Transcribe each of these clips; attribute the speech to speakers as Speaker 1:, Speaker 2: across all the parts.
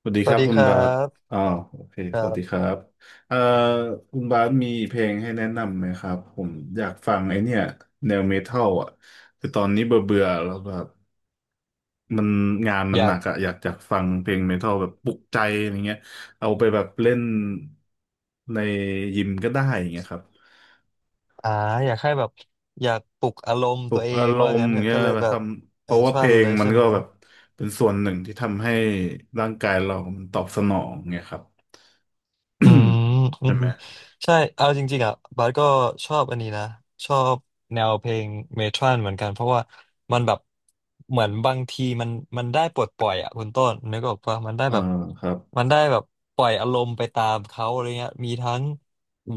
Speaker 1: สวัสดี
Speaker 2: ส
Speaker 1: ค
Speaker 2: วัส
Speaker 1: รับ
Speaker 2: ดี
Speaker 1: คุ
Speaker 2: ค
Speaker 1: ณ
Speaker 2: รั
Speaker 1: บาส
Speaker 2: บ
Speaker 1: อ๋อโอเค
Speaker 2: ค
Speaker 1: ส
Speaker 2: รั
Speaker 1: วัสดีค
Speaker 2: บ
Speaker 1: รับเอ่อคุณบาสมีเพลงให้แนะนำไหมครับผมอยากฟังไอเนี่ยแนวเมทัลอ่ะคือตอนนี้เบื่อเบื่อแล้วแบบมันงานมั
Speaker 2: อ
Speaker 1: นห
Speaker 2: ยา
Speaker 1: นั
Speaker 2: ก
Speaker 1: กอะอยากจะฟังเพลงเมทัลแบบปลุกใจอะไรเงี้ยเอาไปแบบเล่นในยิมก็ได้อย่างเงี้ยครับ
Speaker 2: อ่าอยากให้แบบอยากปลุกอารมณ์
Speaker 1: ปลุ
Speaker 2: ตัว
Speaker 1: ก
Speaker 2: เอ
Speaker 1: อา
Speaker 2: ง
Speaker 1: ร
Speaker 2: ว่า
Speaker 1: มณ์
Speaker 2: งั้นเถอะ
Speaker 1: เงี้ย
Speaker 2: ก็เลย
Speaker 1: แบบ
Speaker 2: แบ
Speaker 1: ท
Speaker 2: บ
Speaker 1: ำเพ
Speaker 2: เอ
Speaker 1: ราะ
Speaker 2: ช
Speaker 1: ว่าเพ
Speaker 2: วั
Speaker 1: ล
Speaker 2: น
Speaker 1: ง
Speaker 2: เลย
Speaker 1: มัน
Speaker 2: ใช่
Speaker 1: ก็
Speaker 2: ไหม
Speaker 1: แบบเป็นส่วนหนึ่งที่ทำให้ร่างกายเรามันตอบสนองเงี้ยครับ
Speaker 2: อืม อื
Speaker 1: ใช่
Speaker 2: ม
Speaker 1: ไหม
Speaker 2: ใช่เอาจริงๆอ่ะบาสก็ชอบอันนี้นะชอบแนวเพลงเมทรัลเหมือนกันเพราะว่ามันแบบเหมือนบางทีมันได้ปลดปล่อยอ่ะคุณต้นนึกออกปะมันได้
Speaker 1: เออ
Speaker 2: แบบ
Speaker 1: ครับ
Speaker 2: มันได้แบบปล่อยอารมณ์ไปตามเขาอะไรเงี้ยมีทั้ง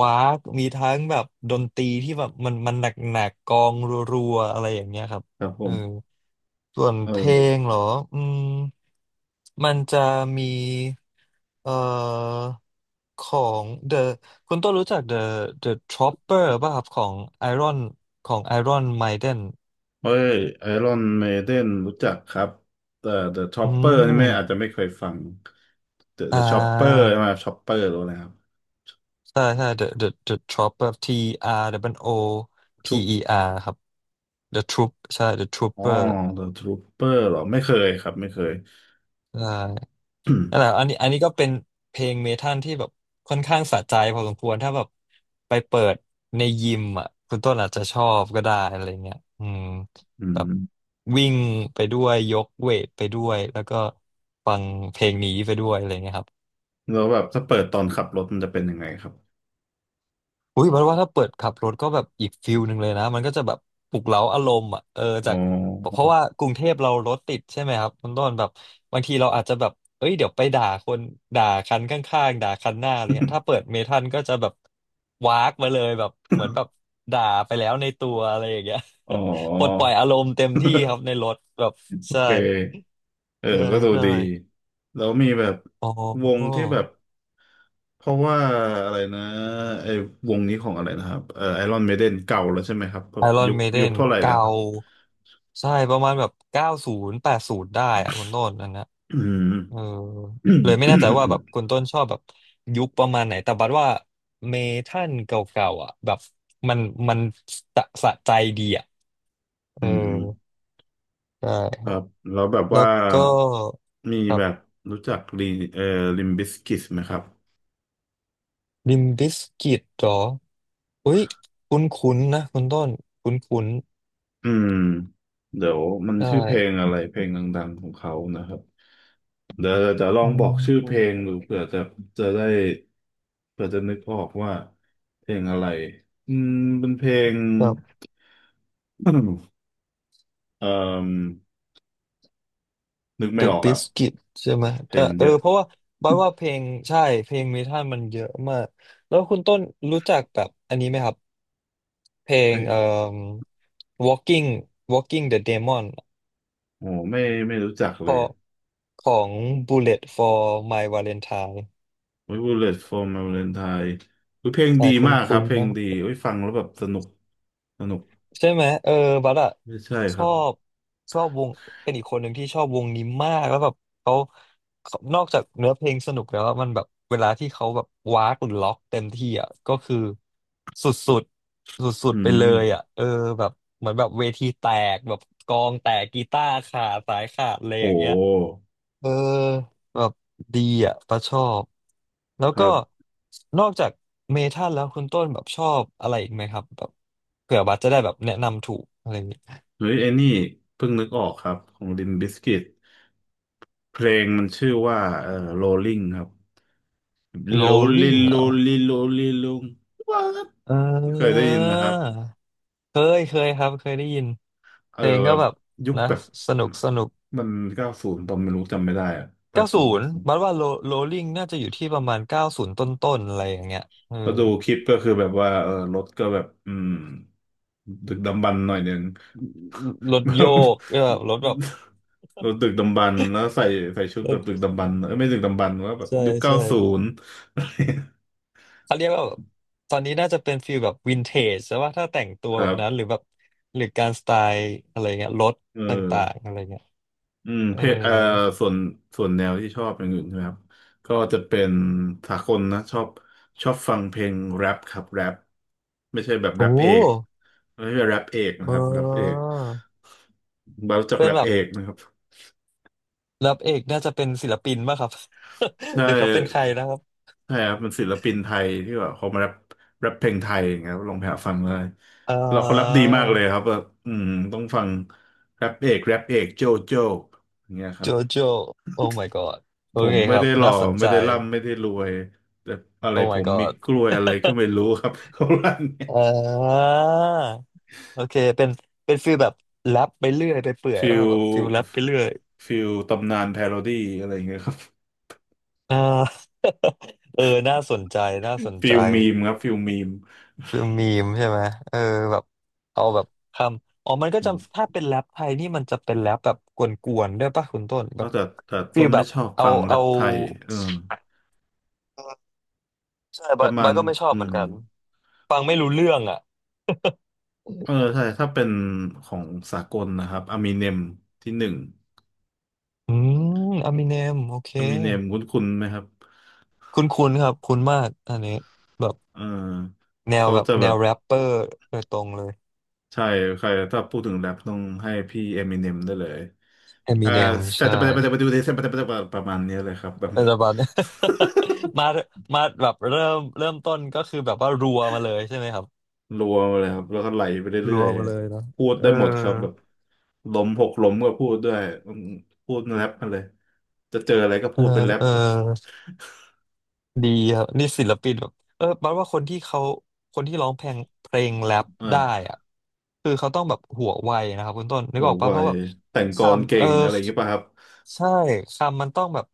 Speaker 2: วากมีทั้งแบบดนตรีที่แบบมันหนักๆกกองรัวๆอะไรอย่างเงี้ยครับ
Speaker 1: ครับผ
Speaker 2: เออ
Speaker 1: ม
Speaker 2: ส่วน
Speaker 1: เอ
Speaker 2: เพลง
Speaker 1: อ
Speaker 2: เหรออืมมันจะมีเอ่อของ The คุณต้นรู้จัก The Chopper ป่ะครับของ Iron ของ Iron Maiden
Speaker 1: เฮ้ยไอรอนเมเดนรู้จักครับแต่ The
Speaker 2: อื
Speaker 1: Chopper นี่ไม่อาจจะ
Speaker 2: ม
Speaker 1: ไม่เคยฟัง The
Speaker 2: อ่า
Speaker 1: The Chopper ใช่ไหมา Chopper หรืออะไรครับ
Speaker 2: ใช่ใช่ The Trooper T R W O
Speaker 1: ทุ
Speaker 2: P
Speaker 1: ป
Speaker 2: E R ครับ The Troop ใช่ The
Speaker 1: อ๋อ
Speaker 2: Trooper
Speaker 1: The Trooper เหรอไม่เคยครับไม่เคย
Speaker 2: ใช่ นั่นแหละอั นนี้อันนี้ก็เป็นเพลงเมทัลที่แบบค่อนข้างสะใจพอสมควร ถ้าแบบไปเปิดในยิมอ่ะคุณต้นอาจจะชอบก็ได้อะไรเงี้ยอืม
Speaker 1: อื
Speaker 2: แบบ
Speaker 1: ม
Speaker 2: วิ่งไปด้วยยกเวทไปด้วยแล้วก็ฟังเพลงนี้ไปด้วยอะไรเงี้ยครับ
Speaker 1: แล้วแบบถ้าเปิดตอนขับรถมันจะเป็นยังไงครับ
Speaker 2: อุ้ยเพราะว่าถ้าเปิดขับรถก็แบบอีกฟิลหนึ่งเลยนะมันก็จะแบบปลุกเร้าอารมณ์อ่ะเออ
Speaker 1: อ๋
Speaker 2: จา
Speaker 1: อ
Speaker 2: กเพราะว่ากรุงเทพเรารถติดใช่ไหมครับคุณต้นแบบบางทีเราอาจจะแบบเอ้ยเดี๋ยวไปด่าคนด่าคันข้างๆด่าคันหน้าอะไรเงี้ยถ้าเปิดเมทัลก็จะแบบวากมาเลยแบบเหมือนแบบด่าไปแล้วในตัวอะไรอย่างเงี้ย
Speaker 1: อ๋อ
Speaker 2: ปลดปล่อยอารมณ์เต็มที่ครับในรถแบบ
Speaker 1: โอ
Speaker 2: ใช่
Speaker 1: เคเออ
Speaker 2: ใช่
Speaker 1: ก็ดู
Speaker 2: ใช่
Speaker 1: ดีแล้วมีแบบ
Speaker 2: อ๋อ
Speaker 1: วงที่แบบ เพราะว่าอะไรนะไอ้วงนี้ของอะไรนะครับไอรอนเมเดนเก่าแล้วใช่ไหมครับแบ
Speaker 2: ไอ
Speaker 1: บ
Speaker 2: รอ
Speaker 1: ยุ
Speaker 2: น
Speaker 1: ค
Speaker 2: เมเด
Speaker 1: ยุค
Speaker 2: น
Speaker 1: เท่าไหร่นะ
Speaker 2: เก่า
Speaker 1: ครับ
Speaker 2: ใช่ประมาณแบบ90 80ได้อะคุณต้นอันนะ
Speaker 1: อืม
Speaker 2: เออ
Speaker 1: อื
Speaker 2: เลยไม่แน่ใจว่า
Speaker 1: ม
Speaker 2: แบบคุณต้นชอบแบบยุคประมาณไหนแต่บัดว่าเมทัลเก่าๆอ่ะแบบมันมันสะใจดีอ่ะเอ
Speaker 1: อื
Speaker 2: อ
Speaker 1: ม
Speaker 2: ใ
Speaker 1: ค
Speaker 2: ช่
Speaker 1: รับแล้วแบบ
Speaker 2: แล้
Speaker 1: ว่า
Speaker 2: วก็
Speaker 1: มี
Speaker 2: ครั
Speaker 1: แบบ
Speaker 2: บ
Speaker 1: รู้จักลีเอ่อลิมบิสกิสไหมครับ
Speaker 2: ลิมบิสกิตหรออุ้ยคุ้นๆนะคุณต้นคุ้น
Speaker 1: อืมเดี๋ยวมัน
Speaker 2: ๆใช่
Speaker 1: ชื่อเพลงอะไรเพลงดังๆของเขานะครับเดี๋ยวจะลอ
Speaker 2: อื
Speaker 1: งบอกชื่อเพลง
Speaker 2: ม
Speaker 1: ดูเผื่อจะจะได้เผื่อจะนึกออกว่าเพลงอะไรอืมเป็นเพลง
Speaker 2: ครับ
Speaker 1: เอ่อ นึกไม่
Speaker 2: The
Speaker 1: ออกอ่ะ
Speaker 2: Biscuit ใช่ไหม
Speaker 1: เพล
Speaker 2: แต่
Speaker 1: งมัน
Speaker 2: เอ
Speaker 1: เย
Speaker 2: อ
Speaker 1: อะ
Speaker 2: เพราะว่าบอยว่าเพลงใช่เพลงเมทัลมันเยอะมากแล้วคุณต้นรู้จักแบบอันนี้ไหมครับเพล
Speaker 1: เอ้
Speaker 2: ง
Speaker 1: ย
Speaker 2: Walking Walking the Demon
Speaker 1: โหไม่ไม่รู้จัก
Speaker 2: ข
Speaker 1: เล
Speaker 2: อ
Speaker 1: ย
Speaker 2: ของ Bullet for My Valentine
Speaker 1: We Bullet for My Valentine อุ๊ยเพลง
Speaker 2: ใช่
Speaker 1: ดี
Speaker 2: คุ
Speaker 1: มากค
Speaker 2: ้
Speaker 1: รับ
Speaker 2: น
Speaker 1: เพ
Speaker 2: ๆ
Speaker 1: ล
Speaker 2: ไหม
Speaker 1: งดีเอ้ยฟังแล้วแบบสนุกสนุก
Speaker 2: ใช่ไหมเออบัสอะ
Speaker 1: ไม่ใช่
Speaker 2: ช
Speaker 1: ครั
Speaker 2: อ
Speaker 1: บ
Speaker 2: บชอบวงเป็นอีกคนหนึ่งที่ชอบวงนี้มากแล้วแบบเขาเขานอกจากเนื้อเพลงสนุกแล้วอะมันแบบเวลาที่เขาแบบว้ากหรือล็อกเต็มที่อ่ะก็คือสุดๆสุด
Speaker 1: อื
Speaker 2: ๆไปเล
Speaker 1: ม
Speaker 2: ยอ่ะเออแบบเหมือนแบบเวทีแตกแบบกลองแตกกีตาร์ขาดสายขาดอะไร
Speaker 1: โ
Speaker 2: อย่างเงี้ย
Speaker 1: ห
Speaker 2: เออแบบดีอ่ะปะชอบแล้ว
Speaker 1: ค
Speaker 2: ก็
Speaker 1: รับ
Speaker 2: นอกจากเมทัลแล้วคุณต้นแบบชอบอะไรอีกไหมครับแบบเผื่อบัสจะได้แบบแนะนำถูกอะไรอย่างเงี้ย
Speaker 1: เฮ้ยไอ้นี่เพิ่งนึกออกครับของ Limp Bizkit เพลงมันชื่อว่าRolling ครับ
Speaker 2: โรลลิ่ง
Speaker 1: Rolling
Speaker 2: เหรอ
Speaker 1: Rolling Rolling Rolling ว้า
Speaker 2: เอ
Speaker 1: เคยได้
Speaker 2: อ
Speaker 1: ยินไหมครับ
Speaker 2: เคยเคยครับเคยได้ยิน
Speaker 1: เอ
Speaker 2: เพ
Speaker 1: อ
Speaker 2: ลง
Speaker 1: แบ
Speaker 2: ก็
Speaker 1: บ
Speaker 2: แบบ
Speaker 1: ยุค
Speaker 2: นะ
Speaker 1: แบบ
Speaker 2: สนุกสนุก
Speaker 1: มัน90ตอนไม่รู้จำไม่ได้อะแป
Speaker 2: เก้า
Speaker 1: ดศู
Speaker 2: ศู
Speaker 1: นย์
Speaker 2: น
Speaker 1: เก้า
Speaker 2: ย์
Speaker 1: ศูนย์
Speaker 2: บัสว่าโ o โรลลิ่งน่าจะอยู่ที่ประมาณเก้าศูนย์ต้นๆอะไรอย่างเงี้ยเออ
Speaker 1: ก็ดูคลิปก็คือแบบว่าเออรถก็แบบอืมดึกดำบรรพ์หน่อยหนึ่ง
Speaker 2: รถ
Speaker 1: แบ
Speaker 2: โย
Speaker 1: บ
Speaker 2: กเออแบบรถแบบ
Speaker 1: รถดึกดำบรรพ์แล้วใส่ใส่ชุด
Speaker 2: ร
Speaker 1: แบบดึ
Speaker 2: ถ
Speaker 1: กดำบรรพ์เออไม่ดึกดำบรรพ์ว่าแบบ
Speaker 2: ใช่
Speaker 1: ยุคเก้า
Speaker 2: ใช่
Speaker 1: ศูนย์
Speaker 2: เขาเรียกว่าแบบตอนนี้น่าจะเป็นฟีลแบบวินเทจใช่ว่าถ้าแต่งตัว
Speaker 1: ค
Speaker 2: แบ
Speaker 1: รั
Speaker 2: บ
Speaker 1: บ
Speaker 2: นั้นหรือแบบหรือการสไตล์อะไรเงี้ยรถ
Speaker 1: เออ
Speaker 2: ต่างๆอะไรเงี้ย
Speaker 1: อืม
Speaker 2: เออ
Speaker 1: เพลเอ่อส่วนส่วนแนวที่ชอบอย่างอื่น่ไครับก็จะเป็นสากลนะชอบชอบฟังเพลงแรปครับแรปไม่ใช่แบบแร
Speaker 2: โอ้
Speaker 1: ปเอกไม่ใช่แรปเอกนะ
Speaker 2: เอ
Speaker 1: ครับแรปเอ
Speaker 2: อ
Speaker 1: กเรารู้จัก
Speaker 2: เป็
Speaker 1: แร
Speaker 2: น
Speaker 1: ป
Speaker 2: แบบ
Speaker 1: เอกนะครับ
Speaker 2: รับเอกน่าจะเป็นศิลปินป่ะครับ
Speaker 1: ใช่
Speaker 2: หรือเขาเป็นใครนะครับ
Speaker 1: ใช่ครับเป็นศิลปินไทยที่แบบเขามาแรปแรปเพลงไทยอย่างเงี้ยครับลองไปหาฟังเลย
Speaker 2: อ่
Speaker 1: เราเขาแรปดี
Speaker 2: า
Speaker 1: มากเลยครับแบบอืมต้องฟังแรปเอกแรปเอกโจโจอย่างเงี้ยค
Speaker 2: โจ
Speaker 1: รับ
Speaker 2: โจโอ้ Oh my god โอ
Speaker 1: ผ
Speaker 2: เค
Speaker 1: มไม่
Speaker 2: ครับ
Speaker 1: ได้หล่อ
Speaker 2: น่าสน
Speaker 1: ไม่
Speaker 2: ใจ
Speaker 1: ได้ร่ำไม่ได้รวยแต่อะไร
Speaker 2: โอ้
Speaker 1: ผ
Speaker 2: my
Speaker 1: มมี
Speaker 2: god
Speaker 1: กล้วยอะไรก็ไม่รู้ครับ เขาลั่นเนี่ย
Speaker 2: อ่าโอเคเป็นเป็นฟีลแบบแรปไปเรื่อยไปเปื่อย
Speaker 1: ฟิ
Speaker 2: ว่า
Speaker 1: ล
Speaker 2: แบบฟีลแรปไปเรื่อย
Speaker 1: ฟิลตำนานพาโรดี้อะไรอย่างเงี้ยครับ
Speaker 2: อ่า เออ น่าสนใจน่าสน
Speaker 1: ฟิ
Speaker 2: ใจ
Speaker 1: ลมีมครับฟิลมีม
Speaker 2: คือมีมใช่ไหม เออแบบ เอาแบบคำอ๋อมันก็
Speaker 1: อื
Speaker 2: จะ
Speaker 1: ม
Speaker 2: ถ้าเป็นแรปไทยนี่มันจะเป็นแรปแบบกวนๆ ด้วยป่ะคุณต้นแบ
Speaker 1: แล้ว
Speaker 2: บ
Speaker 1: แต่
Speaker 2: ฟี
Speaker 1: ต้
Speaker 2: ล
Speaker 1: น
Speaker 2: แบ
Speaker 1: ไม่
Speaker 2: บ
Speaker 1: ชอบ
Speaker 2: เอา
Speaker 1: ฟังแร
Speaker 2: เอา
Speaker 1: ปไทยเออ
Speaker 2: ใช่
Speaker 1: ป
Speaker 2: บาย
Speaker 1: ระมา
Speaker 2: บา
Speaker 1: ณ
Speaker 2: ยก็ไม่ชอบ
Speaker 1: อื
Speaker 2: เหมือน
Speaker 1: ม
Speaker 2: กัน ฟังไม่รู้เรื่องอ่ะ
Speaker 1: เออใช่ถ้าเป็นของสากลนะครับอ m ม n เนมที่หนึ่ง
Speaker 2: อืมอามิเนมโอเค
Speaker 1: อ m มิเนมคุ้นๆไหมครับ
Speaker 2: คุ้นคุ้นครับ คุ้นมาก อันนี้ แบบ
Speaker 1: เออ
Speaker 2: แนว
Speaker 1: เขา
Speaker 2: แบบ
Speaker 1: จะ
Speaker 2: แน
Speaker 1: แบบ
Speaker 2: วแรปเปอร์โดยตรงเลย
Speaker 1: ใช่ใครถ้าพูดถึงแรปต้องให้พี่เอมิเนมได้เลย
Speaker 2: อา
Speaker 1: เอ่
Speaker 2: มิ
Speaker 1: อ
Speaker 2: เนม
Speaker 1: แต่
Speaker 2: ใช่
Speaker 1: แต่แต่แต่ไปดูที่แต่ประมาณเนี้ยเลยครับแบบ
Speaker 2: อะไรประมาณเนี้ย มา มาแบบเริ่มต้นก็คือแบบว่ารัวมาเลยใช่ไหมครับ
Speaker 1: รัวมาเลยครับแล้วก็ไหลไปเรื่
Speaker 2: รั
Speaker 1: อ
Speaker 2: ว
Speaker 1: ย
Speaker 2: มาเลยเนาะ
Speaker 1: ๆพูด
Speaker 2: เออ
Speaker 1: ได้หมดครับแบบล้มหกล้มก็พูดด้วยอืมพูดแรปมาเลยจะเจออะไรก็
Speaker 2: เอ
Speaker 1: พู
Speaker 2: อ
Speaker 1: ดเป็นแรป
Speaker 2: เออดีครับนี่ศิลปินแบบเออแปลว่าคนที่เขาคนที่ร้องเพลงเพลงแรป
Speaker 1: เออ
Speaker 2: ได้อะคือเขาต้องแบบหัวไวนะครับคุณต้นนึ
Speaker 1: โห
Speaker 2: กออก
Speaker 1: ไว
Speaker 2: ปะเพราะแบบ
Speaker 1: แต่งกลอน
Speaker 2: คำ
Speaker 1: เก่
Speaker 2: เออ
Speaker 1: งอะไรอย่างเงี้ยป่ะครับ
Speaker 2: ใช่คำมันต้องแบบ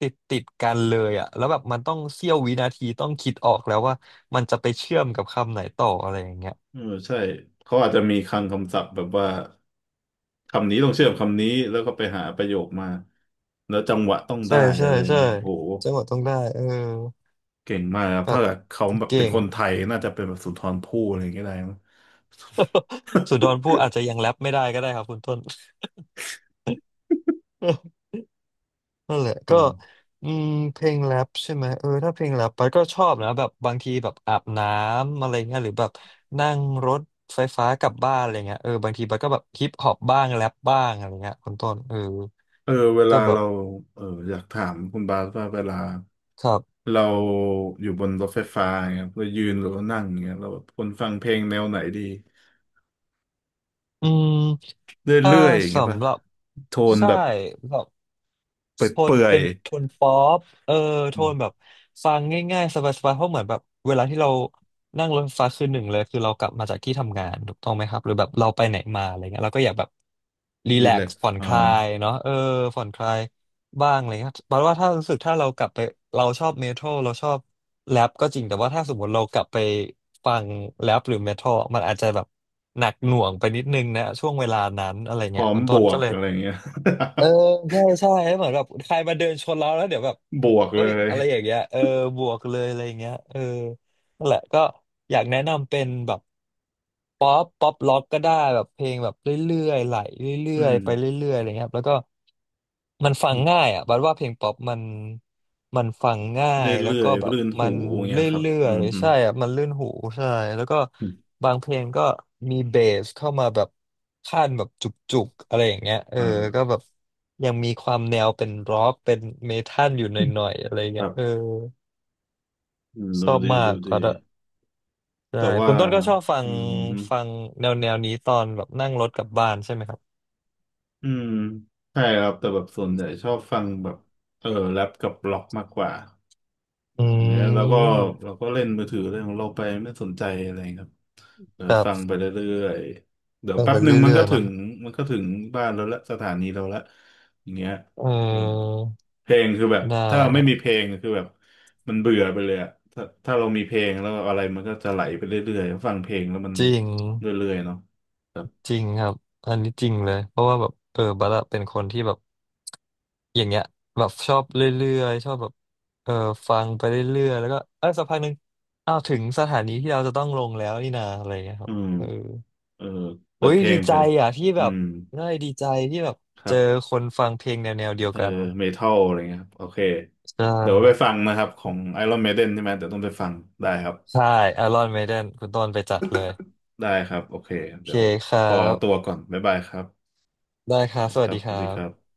Speaker 2: ติดกันเลยอะแล้วแบบมันต้องเสี้ยววินาทีต้องคิดออกแล้วว่ามันจะไปเชื่อมกับคำไหนต่ออะไรอย่างเงี้ย
Speaker 1: เออใช่เขาอาจจะมีคลังคำศัพท์แบบว่าคำนี้ต้องเชื่อมคำนี้แล้วก็ไปหาประโยคมาแล้วจังหวะต้อง
Speaker 2: ใช่
Speaker 1: ได้
Speaker 2: ใช่
Speaker 1: อะไรอย่าง
Speaker 2: ใช่
Speaker 1: เงี้ยโห
Speaker 2: จังหวะต้องได้เออ
Speaker 1: เก่งมากครับ
Speaker 2: แบ
Speaker 1: ถ้า
Speaker 2: บ
Speaker 1: เกิดเขาแบบ
Speaker 2: เก่
Speaker 1: เป็น
Speaker 2: ง
Speaker 1: คนไทยน่าจะเป็นแบบสุนทรภู่อะไรอย่างเงี้ยได้มั้ง
Speaker 2: สุดอนผู้ อาจจะยังแรปไม่ได้ก็ได้ครับคุณต้น นั่นแหละ
Speaker 1: อื
Speaker 2: ก็
Speaker 1: ม
Speaker 2: อืมเพลงแรปใช่ไหมเออถ้าเพลงแรปไปก็ชอบนะแบบบางทีแบบอาบน้ำอะไรเงี้ยหรือแบบนั่งรถไฟฟ้ากลับบ้านอะไรเงี้ยเออบางทีไปก็แบบฮิปฮอปบ้างแรปบ้างอะไรเงี้ยคุณต้นเออ
Speaker 1: เออเวลา
Speaker 2: ก็แบบ
Speaker 1: เราเอออยากถามคุณบาสว่าเวลา
Speaker 2: ครับ
Speaker 1: เราอยู่บนรถไฟฟ้าอย่างเงี้ยเรายืนหรือว่านั่งอย่างเงี้ยเราแบบคนฟังเพลงแนวไหนดี
Speaker 2: อืมถ้า
Speaker 1: เรื่อยๆอย่างเงี้ยป่ะ
Speaker 2: สำหรับ
Speaker 1: โทน
Speaker 2: ใช่
Speaker 1: แบบ
Speaker 2: แบบ โทน
Speaker 1: เปื่อ
Speaker 2: เป็
Speaker 1: ย
Speaker 2: นโทนป๊อปเออ
Speaker 1: ๆ
Speaker 2: โท
Speaker 1: อืม
Speaker 2: นแบบฟังง่ายๆสบายๆเพราะเหมือนแบบเวลาที่เรานั่งรถไฟฟ้าคือหนึ่งเลยคือเรากลับมาจากที่ทำงานถูกต้องไหมครับหรือแบบเราไปไหนมาอะไรเงี้ยเราก็อยากแบบรี
Speaker 1: รี
Speaker 2: แล
Speaker 1: แล
Speaker 2: ก
Speaker 1: ก
Speaker 2: ซ์
Speaker 1: ซ์
Speaker 2: ผ่อน
Speaker 1: อ่า
Speaker 2: คลายเนาะเออผ่อนคลายบ้างอะไรเงี้ยแปลว่าถ้ารู้สึกถ้าเรากลับไปเราชอบเมทัลเราชอบแรปก็จริงแต่ว่าถ้าสมมติเรากลับไปฟังแรปหรือเมทัลมันอาจจะแบบหนักหน่วงไปนิดนึงนะช่วงเวลานั้นอะไร
Speaker 1: พ
Speaker 2: เงี้
Speaker 1: ร้
Speaker 2: ย
Speaker 1: อม
Speaker 2: คุณ
Speaker 1: บ
Speaker 2: ต้น
Speaker 1: ว
Speaker 2: ก็
Speaker 1: ก
Speaker 2: เลย
Speaker 1: อะไรอย่างเงี้ย
Speaker 2: เออใช่ใช่ให้เหมือนแบบใครมาเดินชนเราแล้วเดี๋ยวแบบ
Speaker 1: บวก
Speaker 2: เฮ้
Speaker 1: เล
Speaker 2: ย
Speaker 1: ย
Speaker 2: อะไรอย่างเงี้ยเออบวกเลยอะไรอย่างเงี้ยเออ นั่นแหละก็อยากแนะนำเป็นแบบป๊อปป๊อปล็อกก็ได้แบบเพลงแบบเรื่อยๆไหลเรื่
Speaker 1: อื
Speaker 2: อย
Speaker 1: ม
Speaker 2: ๆไปเรื่อยๆอะไรเงี้ยครับแล้วก็มันฟังง่ายอ่ะบัดว่าเพลงป๊อปมันฟังง่า
Speaker 1: เรื่อ
Speaker 2: ย
Speaker 1: ย
Speaker 2: แล้วก็แบ
Speaker 1: ๆ
Speaker 2: บ
Speaker 1: รื่น
Speaker 2: มั
Speaker 1: หู
Speaker 2: น
Speaker 1: อย่าง
Speaker 2: เร
Speaker 1: เงี้ยครับ
Speaker 2: ื่อ
Speaker 1: อื
Speaker 2: ย
Speaker 1: มอื
Speaker 2: ๆ
Speaker 1: ม
Speaker 2: ใช่อ่ะมันลื่นหูใช่แล้วก็
Speaker 1: อืม
Speaker 2: บางเพลงก็มีเบสเข้ามาแบบขั้นแบบจุกๆอะไรอย่างเงี้ยเออ
Speaker 1: อ่
Speaker 2: ก็
Speaker 1: า
Speaker 2: แบบยังมีความแนวเป็นร็อกเป็นเมทัลอยู่หน่อยๆอะไร
Speaker 1: ค
Speaker 2: เงี้ย
Speaker 1: รั
Speaker 2: เออ
Speaker 1: บอืม
Speaker 2: ช
Speaker 1: ดู
Speaker 2: อบ
Speaker 1: ดี
Speaker 2: มา
Speaker 1: ดู
Speaker 2: กค
Speaker 1: ดี
Speaker 2: รับ ใช่
Speaker 1: แต่ว่า
Speaker 2: คุณต้นก็ชอบฟั
Speaker 1: อื
Speaker 2: ง
Speaker 1: มฮึ
Speaker 2: ฟังแนวนี้ตอนแบบนั่งรถกลับบ้านใช่ไหมครับ
Speaker 1: อืมใช่ครับแต่แบบส่วนใหญ่ชอบฟังแบบเออแรปกับร็อกมากกว่า
Speaker 2: อื
Speaker 1: อย่างเงี้ยเราก็
Speaker 2: ม
Speaker 1: เราก็เล่นมือถือเรื่องของเราไปไม่สนใจอะไรครับเดี๋ย
Speaker 2: ค
Speaker 1: ว
Speaker 2: รั
Speaker 1: ฟังไป
Speaker 2: บ
Speaker 1: เรื่อยๆเดี๋ยว
Speaker 2: ฟัง
Speaker 1: แป๊
Speaker 2: ไป
Speaker 1: บหนึ่งมัน
Speaker 2: เรื่อ
Speaker 1: ก็
Speaker 2: ยๆ
Speaker 1: ถึ
Speaker 2: เนาะ
Speaker 1: งมันก็ถึงบ้านเราละสถานีเราละอย่างเงี้ย
Speaker 2: เอ
Speaker 1: เออ
Speaker 2: อ
Speaker 1: เพลงคือแบบ
Speaker 2: ได้
Speaker 1: ถ้าเราไม่มีเพ
Speaker 2: อะ
Speaker 1: ลงคือแบบมันเบื่อไปเลยอะถ้าเรามีเพลงแล้วอะไรมันก็จะไหลไปเรื่อยๆฟังเพลงแล้วมัน
Speaker 2: จริง
Speaker 1: เรื่อยๆเนาะ
Speaker 2: จริงครับอันนี้จริงเลยเพราะว่าแบบเออบัลละเป็นคนที่แบบอย่างเงี้ยแบบชอบเรื่อยๆชอบแบบเออฟังไปเรื่อยๆแล้วก็เออสักพักหนึ่งอ้าวถึงสถานีที่เราจะต้องลงแล้วนี่นาอะไรเงี้ยค
Speaker 1: อื
Speaker 2: รับ
Speaker 1: ม
Speaker 2: เออ
Speaker 1: เออเปิ
Speaker 2: อุ้
Speaker 1: ด
Speaker 2: ย
Speaker 1: เพล
Speaker 2: ดี
Speaker 1: งไป
Speaker 2: ใจอ่ะที่
Speaker 1: อื
Speaker 2: แบบ
Speaker 1: ม
Speaker 2: ได้ดีใจที่แบบ
Speaker 1: ครั
Speaker 2: เจอ
Speaker 1: บ
Speaker 2: คนฟังเพลงแนวเดียว
Speaker 1: เออ
Speaker 2: กัน
Speaker 1: เมทัลอะไรเงี้ยครับโอเค
Speaker 2: ใช่
Speaker 1: เดี๋ยวไปฟังนะครับของ Iron Maiden ใช่ไหมเดี๋ยวต้องไปฟังได้ครับ
Speaker 2: ใช่ Iron Maiden คุณต้นไปจัดเลย
Speaker 1: ได้ครับโอเค
Speaker 2: โอเค
Speaker 1: เดี๋ยว
Speaker 2: ครั
Speaker 1: ขอ
Speaker 2: บ
Speaker 1: ตัวก่อนบ๊ายบายครับ
Speaker 2: ได้ครับ
Speaker 1: นะ
Speaker 2: ส
Speaker 1: ค
Speaker 2: วัส
Speaker 1: รับ
Speaker 2: ดีค
Speaker 1: สวั
Speaker 2: รั
Speaker 1: สดีครั
Speaker 2: บ
Speaker 1: บ